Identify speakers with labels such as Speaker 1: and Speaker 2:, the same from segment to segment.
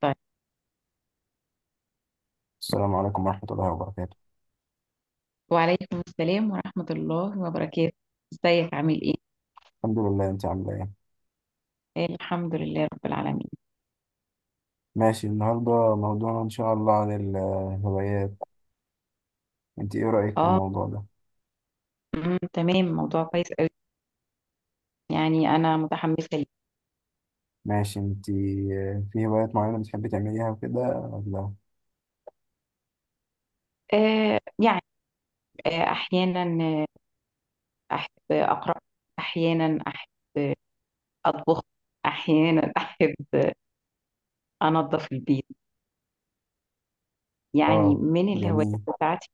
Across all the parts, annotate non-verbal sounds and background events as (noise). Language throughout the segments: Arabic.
Speaker 1: طيب،
Speaker 2: السلام عليكم ورحمة الله وبركاته.
Speaker 1: وعليكم السلام ورحمة الله وبركاته. ازيك عامل ايه؟
Speaker 2: الحمد لله، انت عاملة ايه؟
Speaker 1: آه، الحمد لله رب العالمين.
Speaker 2: ماشي، النهاردة موضوعنا ان شاء الله عن الهوايات. انت ايه رأيك في
Speaker 1: اه.
Speaker 2: الموضوع ده؟
Speaker 1: تمام، موضوع كويس قوي. يعني انا متحمسة ليه.
Speaker 2: ماشي، انت في هوايات معينة بتحبي تعمليها وكده ولا؟
Speaker 1: يعني احيانا احب اقرأ. احيانا احب آه، اطبخ. احيانا (laughs) احب انظف البيت. يعني
Speaker 2: اه،
Speaker 1: من الهوايات
Speaker 2: جميل.
Speaker 1: بتاعتي.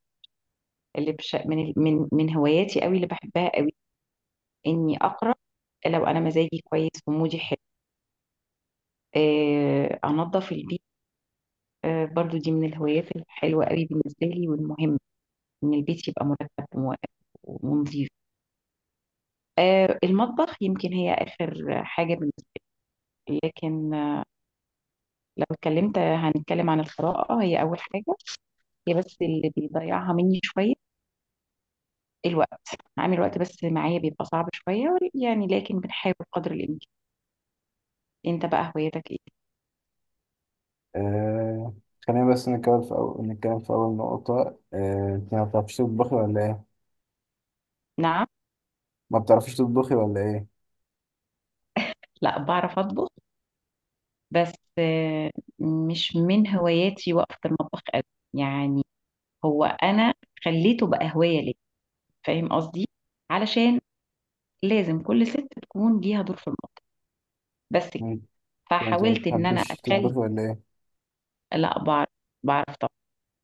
Speaker 1: اللي بش... من ال- من هواياتي قوي اللي بحبها قوي اني اقرأ. لو انا مزاجي كويس ومودي حلو انظف البيت. برضو دي من الهوايات الحلوة قوي بالنسبة لي والمهمة، إن البيت يبقى مرتب و- ونظيف. المطبخ يمكن هي آخر حاجة بالنسبة لي، لكن لو اتكلمت هنتكلم عن القراءة، هي أول حاجة. هي بس اللي بيضيعها مني شوية الوقت. عامل وقت بس معايا بيبقى صعب شوية، يعني لكن بنحاول قدر الإمكان. أنت بقى هوايتك إيه؟
Speaker 2: آه. خلينا بس نتكلم في أول نقطة. آه. انت ما بتعرفيش تطبخي ولا ايه؟
Speaker 1: نعم.
Speaker 2: ما بتعرفيش تطبخي ولا ايه؟
Speaker 1: لا، بعرف أطبخ، بس مش من هواياتي وقفة المطبخ قوي يعني. هو انا خليته بقى هوايه ليا، فاهم قصدي؟ علشان لازم كل ست تكون ليها دور في المطبخ، بس كده.
Speaker 2: انت انت ما
Speaker 1: فحاولت ان انا
Speaker 2: بتحبيش
Speaker 1: اخلي.
Speaker 2: تطبخي ولا ايه؟
Speaker 1: لا، بعرف طبعا.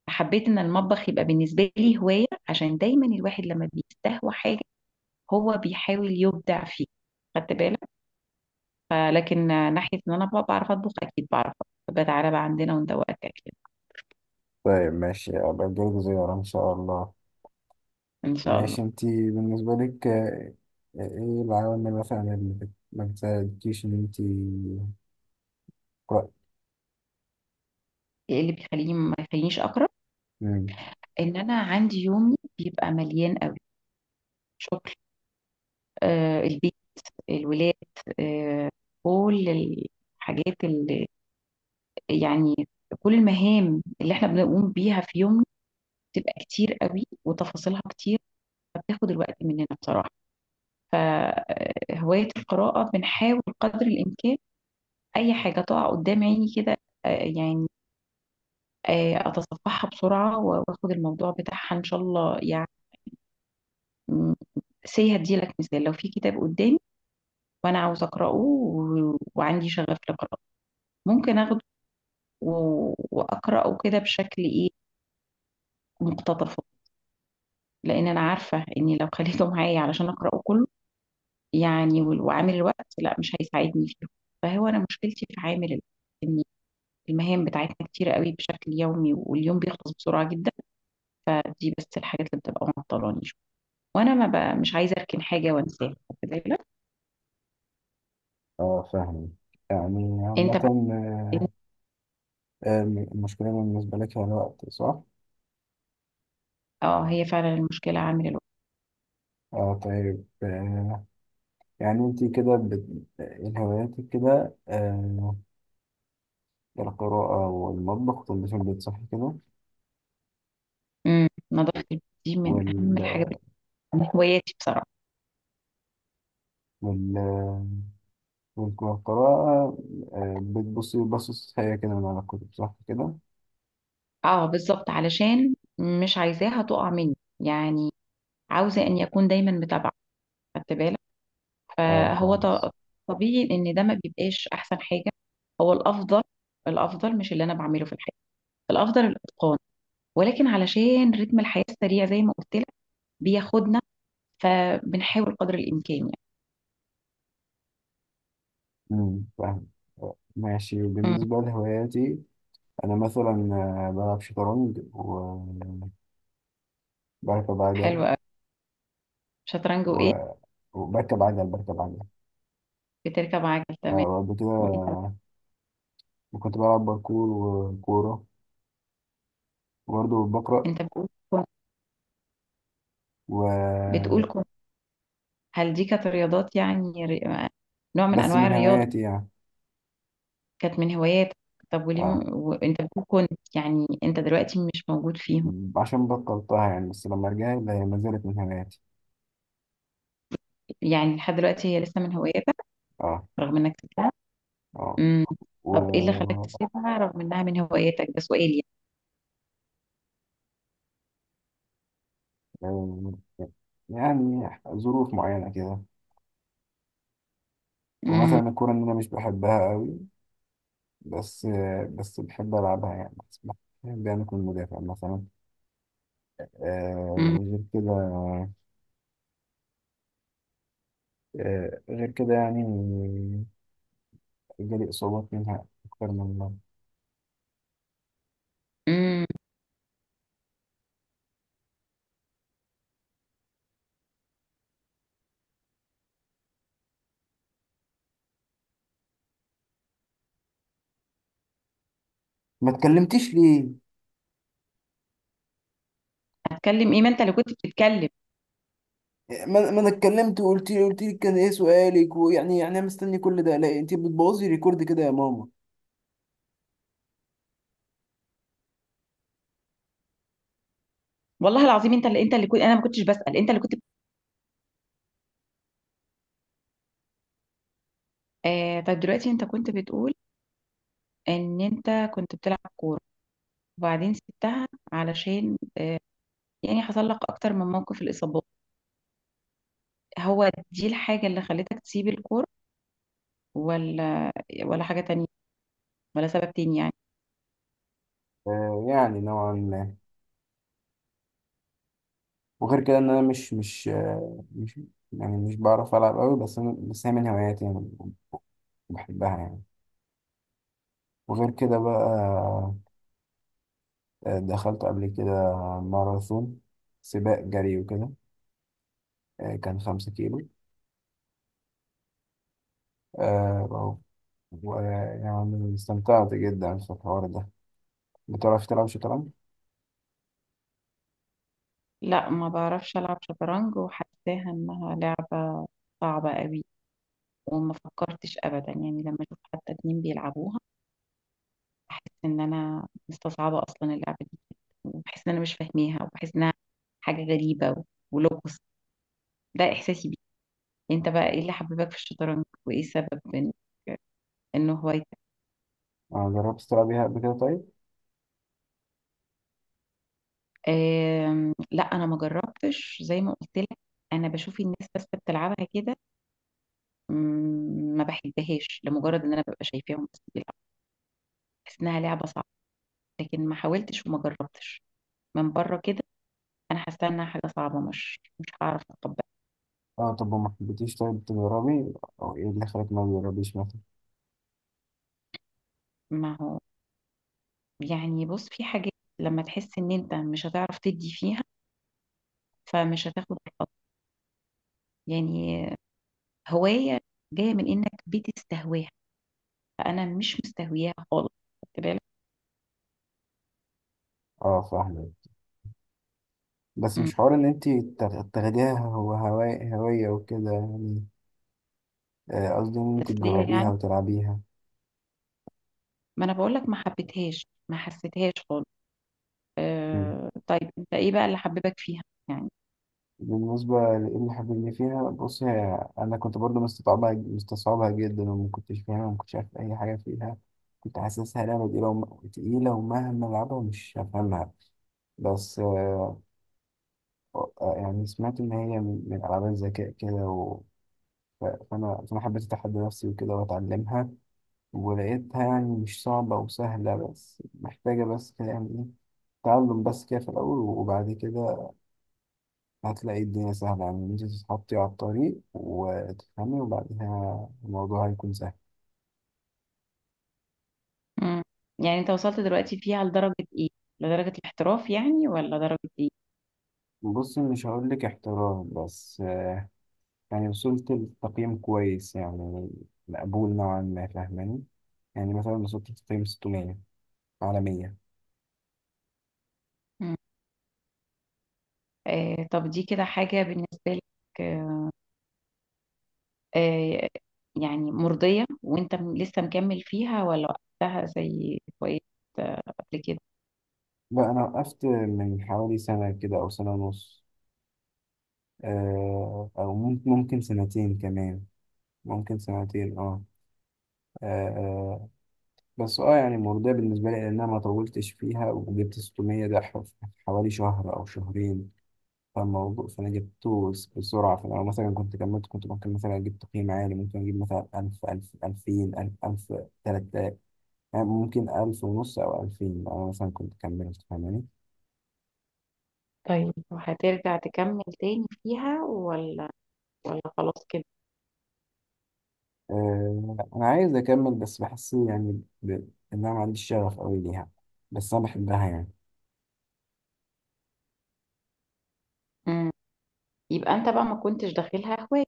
Speaker 1: حبيت ان المطبخ يبقى بالنسبه لي هوايه، عشان دايما الواحد لما بيستهوى حاجه هو بيحاول يبدع فيها، خدت بالك؟ فلكن ناحيه ان انا بقى بعرف اطبخ اكيد بعرف أطبخ. بقى تعالى بقى عندنا وندوقك اكل.
Speaker 2: طيب ماشي، أبقى أجيلك زيارة إن شاء الله.
Speaker 1: ان شاء الله.
Speaker 2: ماشي، انت بالنسبة لك ايه العوامل مثلا اللي ما بتساعدكيش ان انت تقرأي؟
Speaker 1: ايه اللي بيخليني ما يخلينيش اقرب؟
Speaker 2: مم.
Speaker 1: ان انا عندي يومي بيبقى مليان قوي. شغل، البيت، الولاد، آه، كل الحاجات اللي يعني كل المهام اللي احنا بنقوم بيها في يوم بتبقى كتير قوي وتفاصيلها كتير. فبتاخد الوقت مننا بصراحة. فهواية القراءة بنحاول قدر الإمكان أي حاجة تقع قدام عيني كده، يعني أتصفحها بسرعة وآخد الموضوع بتاعها إن شاء الله يعني. سي هديلك مثال، لو في كتاب قدامي وأنا عاوز أقرأه و- وعندي شغف لقراءته، ممكن أخده و- واقراه كده بشكل ايه، مقتطف. لان انا عارفه اني لو خليته معايا علشان اقراه كله يعني وال- وعامل الوقت لا، مش هيساعدني فيه. فهو انا مشكلتي في عامل الوقت، ان المهام بتاعتنا كتير قوي بشكل يومي، واليوم بيخلص بسرعه جدا. دي بس الحاجات اللي بتبقى معطلاني شويه، وانا ما بقى مش عايزه اركن حاجه وانساها، واخد بالك؟
Speaker 2: اه، فاهم. يعني
Speaker 1: انت
Speaker 2: عامة
Speaker 1: بقى.
Speaker 2: المشكلة بالنسبة لك هي الوقت، صح؟
Speaker 1: اه، هي فعلا المشكله عامل الوقت.
Speaker 2: اه، طيب يعني انت كده إيه هواياتك كده؟ القراءة والمطبخ، تنظيف البيت، صح كده؟
Speaker 1: نظافه البيت دي من
Speaker 2: وال...
Speaker 1: اهم الحاجات، من هواياتي بصراحه.
Speaker 2: وال... والقراءة، بتبصي بصص هي كده من على الكتب، صح كده؟
Speaker 1: اه بالظبط، علشان مش عايزاها تقع مني يعني، عاوزة ان يكون دايما متابعة، خدت بالك؟
Speaker 2: اه،
Speaker 1: فهو ط-
Speaker 2: كويس.
Speaker 1: طبيعي ان ده ما بيبقاش احسن حاجة. هو الافضل. الافضل مش اللي انا بعمله في الحياة. الافضل الاتقان. ولكن علشان رتم الحياة السريع زي ما قلت لك بياخدنا، فبنحاول قدر الامكان يعني.
Speaker 2: فاهم. ماشي،
Speaker 1: مم.
Speaker 2: بالنسبة لهواياتي، أنا مثلا بلعب شطرنج وبركب عجل.
Speaker 1: حلو قوي. شطرنج وايه؟
Speaker 2: و... وبركب عجل.
Speaker 1: بتركب عجل، تمام.
Speaker 2: وقبل كده
Speaker 1: وانت؟
Speaker 2: كنت بلعب باركور وكورة وبرضه بقرأ.
Speaker 1: انت بتقول كن-
Speaker 2: و...
Speaker 1: بتقول كن- هل دي كانت رياضات يعني، نوع من
Speaker 2: بس
Speaker 1: انواع
Speaker 2: من
Speaker 1: الرياضة؟
Speaker 2: هواياتي يعني.
Speaker 1: كانت من هواياتك. طب وليه
Speaker 2: اه،
Speaker 1: وانت بتقول كنت، يعني انت دلوقتي مش موجود فيهم؟
Speaker 2: عشان بطلتها يعني، بس لما رجعت هي ما زالت من هواياتي.
Speaker 1: يعني لحد دلوقتي هي لسه من هواياتك
Speaker 2: اه.
Speaker 1: رغم انك سبتها؟
Speaker 2: اه.
Speaker 1: امم.
Speaker 2: و
Speaker 1: طب ايه اللي خلاك تسيبها رغم انها من هواياتك؟ ده سؤال يعني.
Speaker 2: آه، يعني ظروف معينة كده،
Speaker 1: امم
Speaker 2: ومثلا الكورة إن أنا مش بحبها قوي، بس بحب ألعبها يعني، بس بحب يعني أكون مدافع مثلا. آه
Speaker 1: امم
Speaker 2: وغير كده غير كده يعني جالي إصابات منها أكتر من مرة.
Speaker 1: امم
Speaker 2: ما اتكلمتيش ليه؟
Speaker 1: هتكلم ايه؟ ما انت اللي كنت بتتكلم.
Speaker 2: ما أنا اتكلمت، وقلت لي كان إيه سؤالك؟ ويعني أنا مستني كل ده؟ لا، أنت بتبوظي ريكورد كده يا ماما.
Speaker 1: والله العظيم، انت اللي كنت، انا ما كنتش بسأل، انت اللي كنت بت- طب دلوقتي انت كنت بتقول ان انت كنت بتلعب كورة وبعدين سبتها، علشان يعني حصل لك اكتر من موقف، الاصابات، هو دي الحاجة اللي خلتك تسيب الكورة، ولا ولا حاجة تانية، ولا سبب تاني يعني؟
Speaker 2: آه، يعني نوعا ما. وغير كده إن أنا مش مش آه مش يعني مش بعرف ألعب قوي، بس هي من هواياتي يعني، بحبها يعني. وغير كده بقى دخلت قبل كده ماراثون، سباق جري وكده. كان 5 كيلو. آه، و- ويعني استمتعت جدا في الحوار ده. بتعرف تلعب شطرنج؟
Speaker 1: لا، ما بعرفش ألعب شطرنج، وحاساها إنها لعبة صعبة قوي. وما فكرتش أبدا يعني، لما أشوف حتى اتنين بيلعبوها بحس إن أنا مستصعبة أصلا اللعبة دي. وبحس إن أنا مش فاهماها، وبحس إنها حاجة غريبة و- ولغز، ده إحساسي بيه. أنت بقى، إيه اللي حببك في الشطرنج وإيه سبب إن هوايتك؟
Speaker 2: جربت تلعبيها قبل كده طيب؟
Speaker 1: لا، أنا ما جربتش زي ما قلت لك، أنا بشوف الناس بس بتلعبها كده. مم، ما بحبهاش لمجرد ان انا ببقى شايفاهم بس بيلعبوا، بحس انها لعبه صعبه. لكن ما حاولتش وما جربتش، من بره كده انا حاسه انها حاجه صعبه، مش هعرف اتقبلها.
Speaker 2: اه، طب وما حبيتيش طيب تجربي؟ او ايه اللي خلاك ما تجربيش مثلا؟
Speaker 1: ما هو يعني، بص في حاجات لما تحس ان انت مش هتعرف تدي فيها، فمش هتاخد الخطوه يعني. هوايه جايه من انك بتستهواها، فانا مش مستهوياها خالص، خدت بالك؟
Speaker 2: اه، فاهمة. بس
Speaker 1: مم.
Speaker 2: مش حوار ان انت تاخديها، هو هواية هواية وكده يعني. قصدي ان انت
Speaker 1: تسليه
Speaker 2: تجربيها
Speaker 1: يعني،
Speaker 2: وتلعبيها.
Speaker 1: ما انا بقول لك ما حبيتهاش، ما حسيتهاش خالص. أه طيب، انت ايه بقى اللي حببك فيها يعني؟
Speaker 2: بالنسبة لإيه الحاجة اللي فيها؟ بص، هي أنا كنت برضو مستصعبها مستصعبها جدا، وما كنتش فاهمها وما كنتش عارف أي حاجة فيها. كنت حاسسها لعبة تقيلة تقيلة، ومهما ألعبها مش هفهمها. بس يعني سمعت إن هي من ألعاب الذكاء كده. و... ف- فأنا فأنا حبيت أتحدى نفسي وكده وأتعلمها، ولقيتها يعني مش صعبة وسهلة، بس محتاجة بس كده يعني إيه، تعلم بس كده في الأول. وبعد كده هتلاقي الدنيا سهلة، يعني إن أنت تتحطي على الطريق وتفهمي وبعدها الموضوع هيكون سهل.
Speaker 1: مم. يعني انت وصلت دلوقتي فيها لدرجة ايه؟ لدرجة الاحتراف يعني ولا درجة ايه؟
Speaker 2: بص، مش هقولك احترام، بس يعني وصلت لتقييم كويس يعني، مقبول نوعا ما، فاهماني؟ يعني مثلا وصلت لتقييم 600 على 100.
Speaker 1: مم. طب دي كده حاجة بالنسبة لك، آه آه، يعني مرضية، وانت لسه مكمل فيها ولا وقتها زي وقت قبل كده؟
Speaker 2: لا، أنا وقفت من حوالي سنة كده أو سنة ونص. أو ممكن سنتين كمان، ممكن سنتين. اه، آه، بس اه يعني مرضية بالنسبة لي، لأن أنا ما طولتش فيها وجبت 600 ده في حوالي شهر أو شهرين. فأنا جبته بسرعة. فلو مثلا كنت كملت، كنت ممكن مثلا أجيب تقييم عالي، ممكن أجيب مثلا ألف، ألف، ألفين، ألف، ألف، 3000، يعني ممكن 1500 أو 2000 لو أنا مثلا كنت كملت، فاهماني؟
Speaker 1: طيب وهترجع تكمل تاني فيها، ولا خلاص كده؟
Speaker 2: آه، أنا عايز أكمل بس بحس يعني إن أنا ما عنديش شغف أوي ليها، بس أنا بحبها يعني.
Speaker 1: مم. يبقى انت بقى ما كنتش داخلها هواية.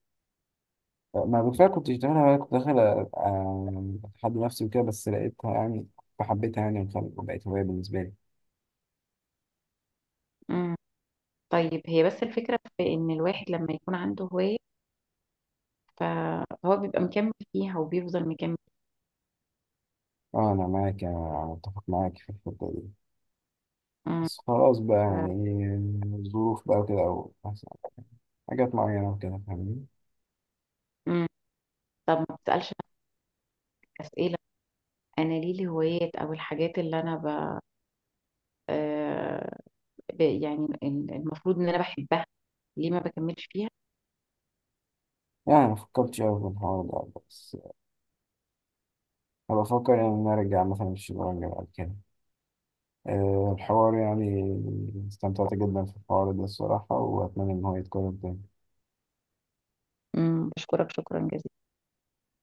Speaker 2: ما بالفعل كنت بتعملها، وأنا كنت داخل أتحدى نفسي وكده، بس لقيتها يعني فحبيتها يعني وبقت هواية بالنسبة لي.
Speaker 1: مم. طيب، هي بس الفكرة في ان الواحد لما يكون عنده هواية فهو بيبقى مكمل فيها وبيفضل مكمل.
Speaker 2: اه، أنا معاك، أنا متفق معاك في الحتة دي.
Speaker 1: مم.
Speaker 2: بس خلاص بقى، يعني إيه، الظروف بقى وكده، أو مثلا حاجات معينة وكده، فاهمني؟
Speaker 1: مم. طب ما بتسألش نفسك أسئلة؟ أنا ليه الهوايات أو الحاجات اللي أنا آه، يعني المفروض إن أنا بحبها، ليه ما بكملش فيها؟
Speaker 2: يعني ما فكرتش أوي في الحوار ده، بس أنا بفكر يعني إن أنا أرجع مثلا الشطرنج بعد كده. الحوار يعني استمتعت جدا في الحوار ده الصراحة، وأتمنى إن هو يتكرر تاني.
Speaker 1: مم. بشكرك، شكرا جزيلا.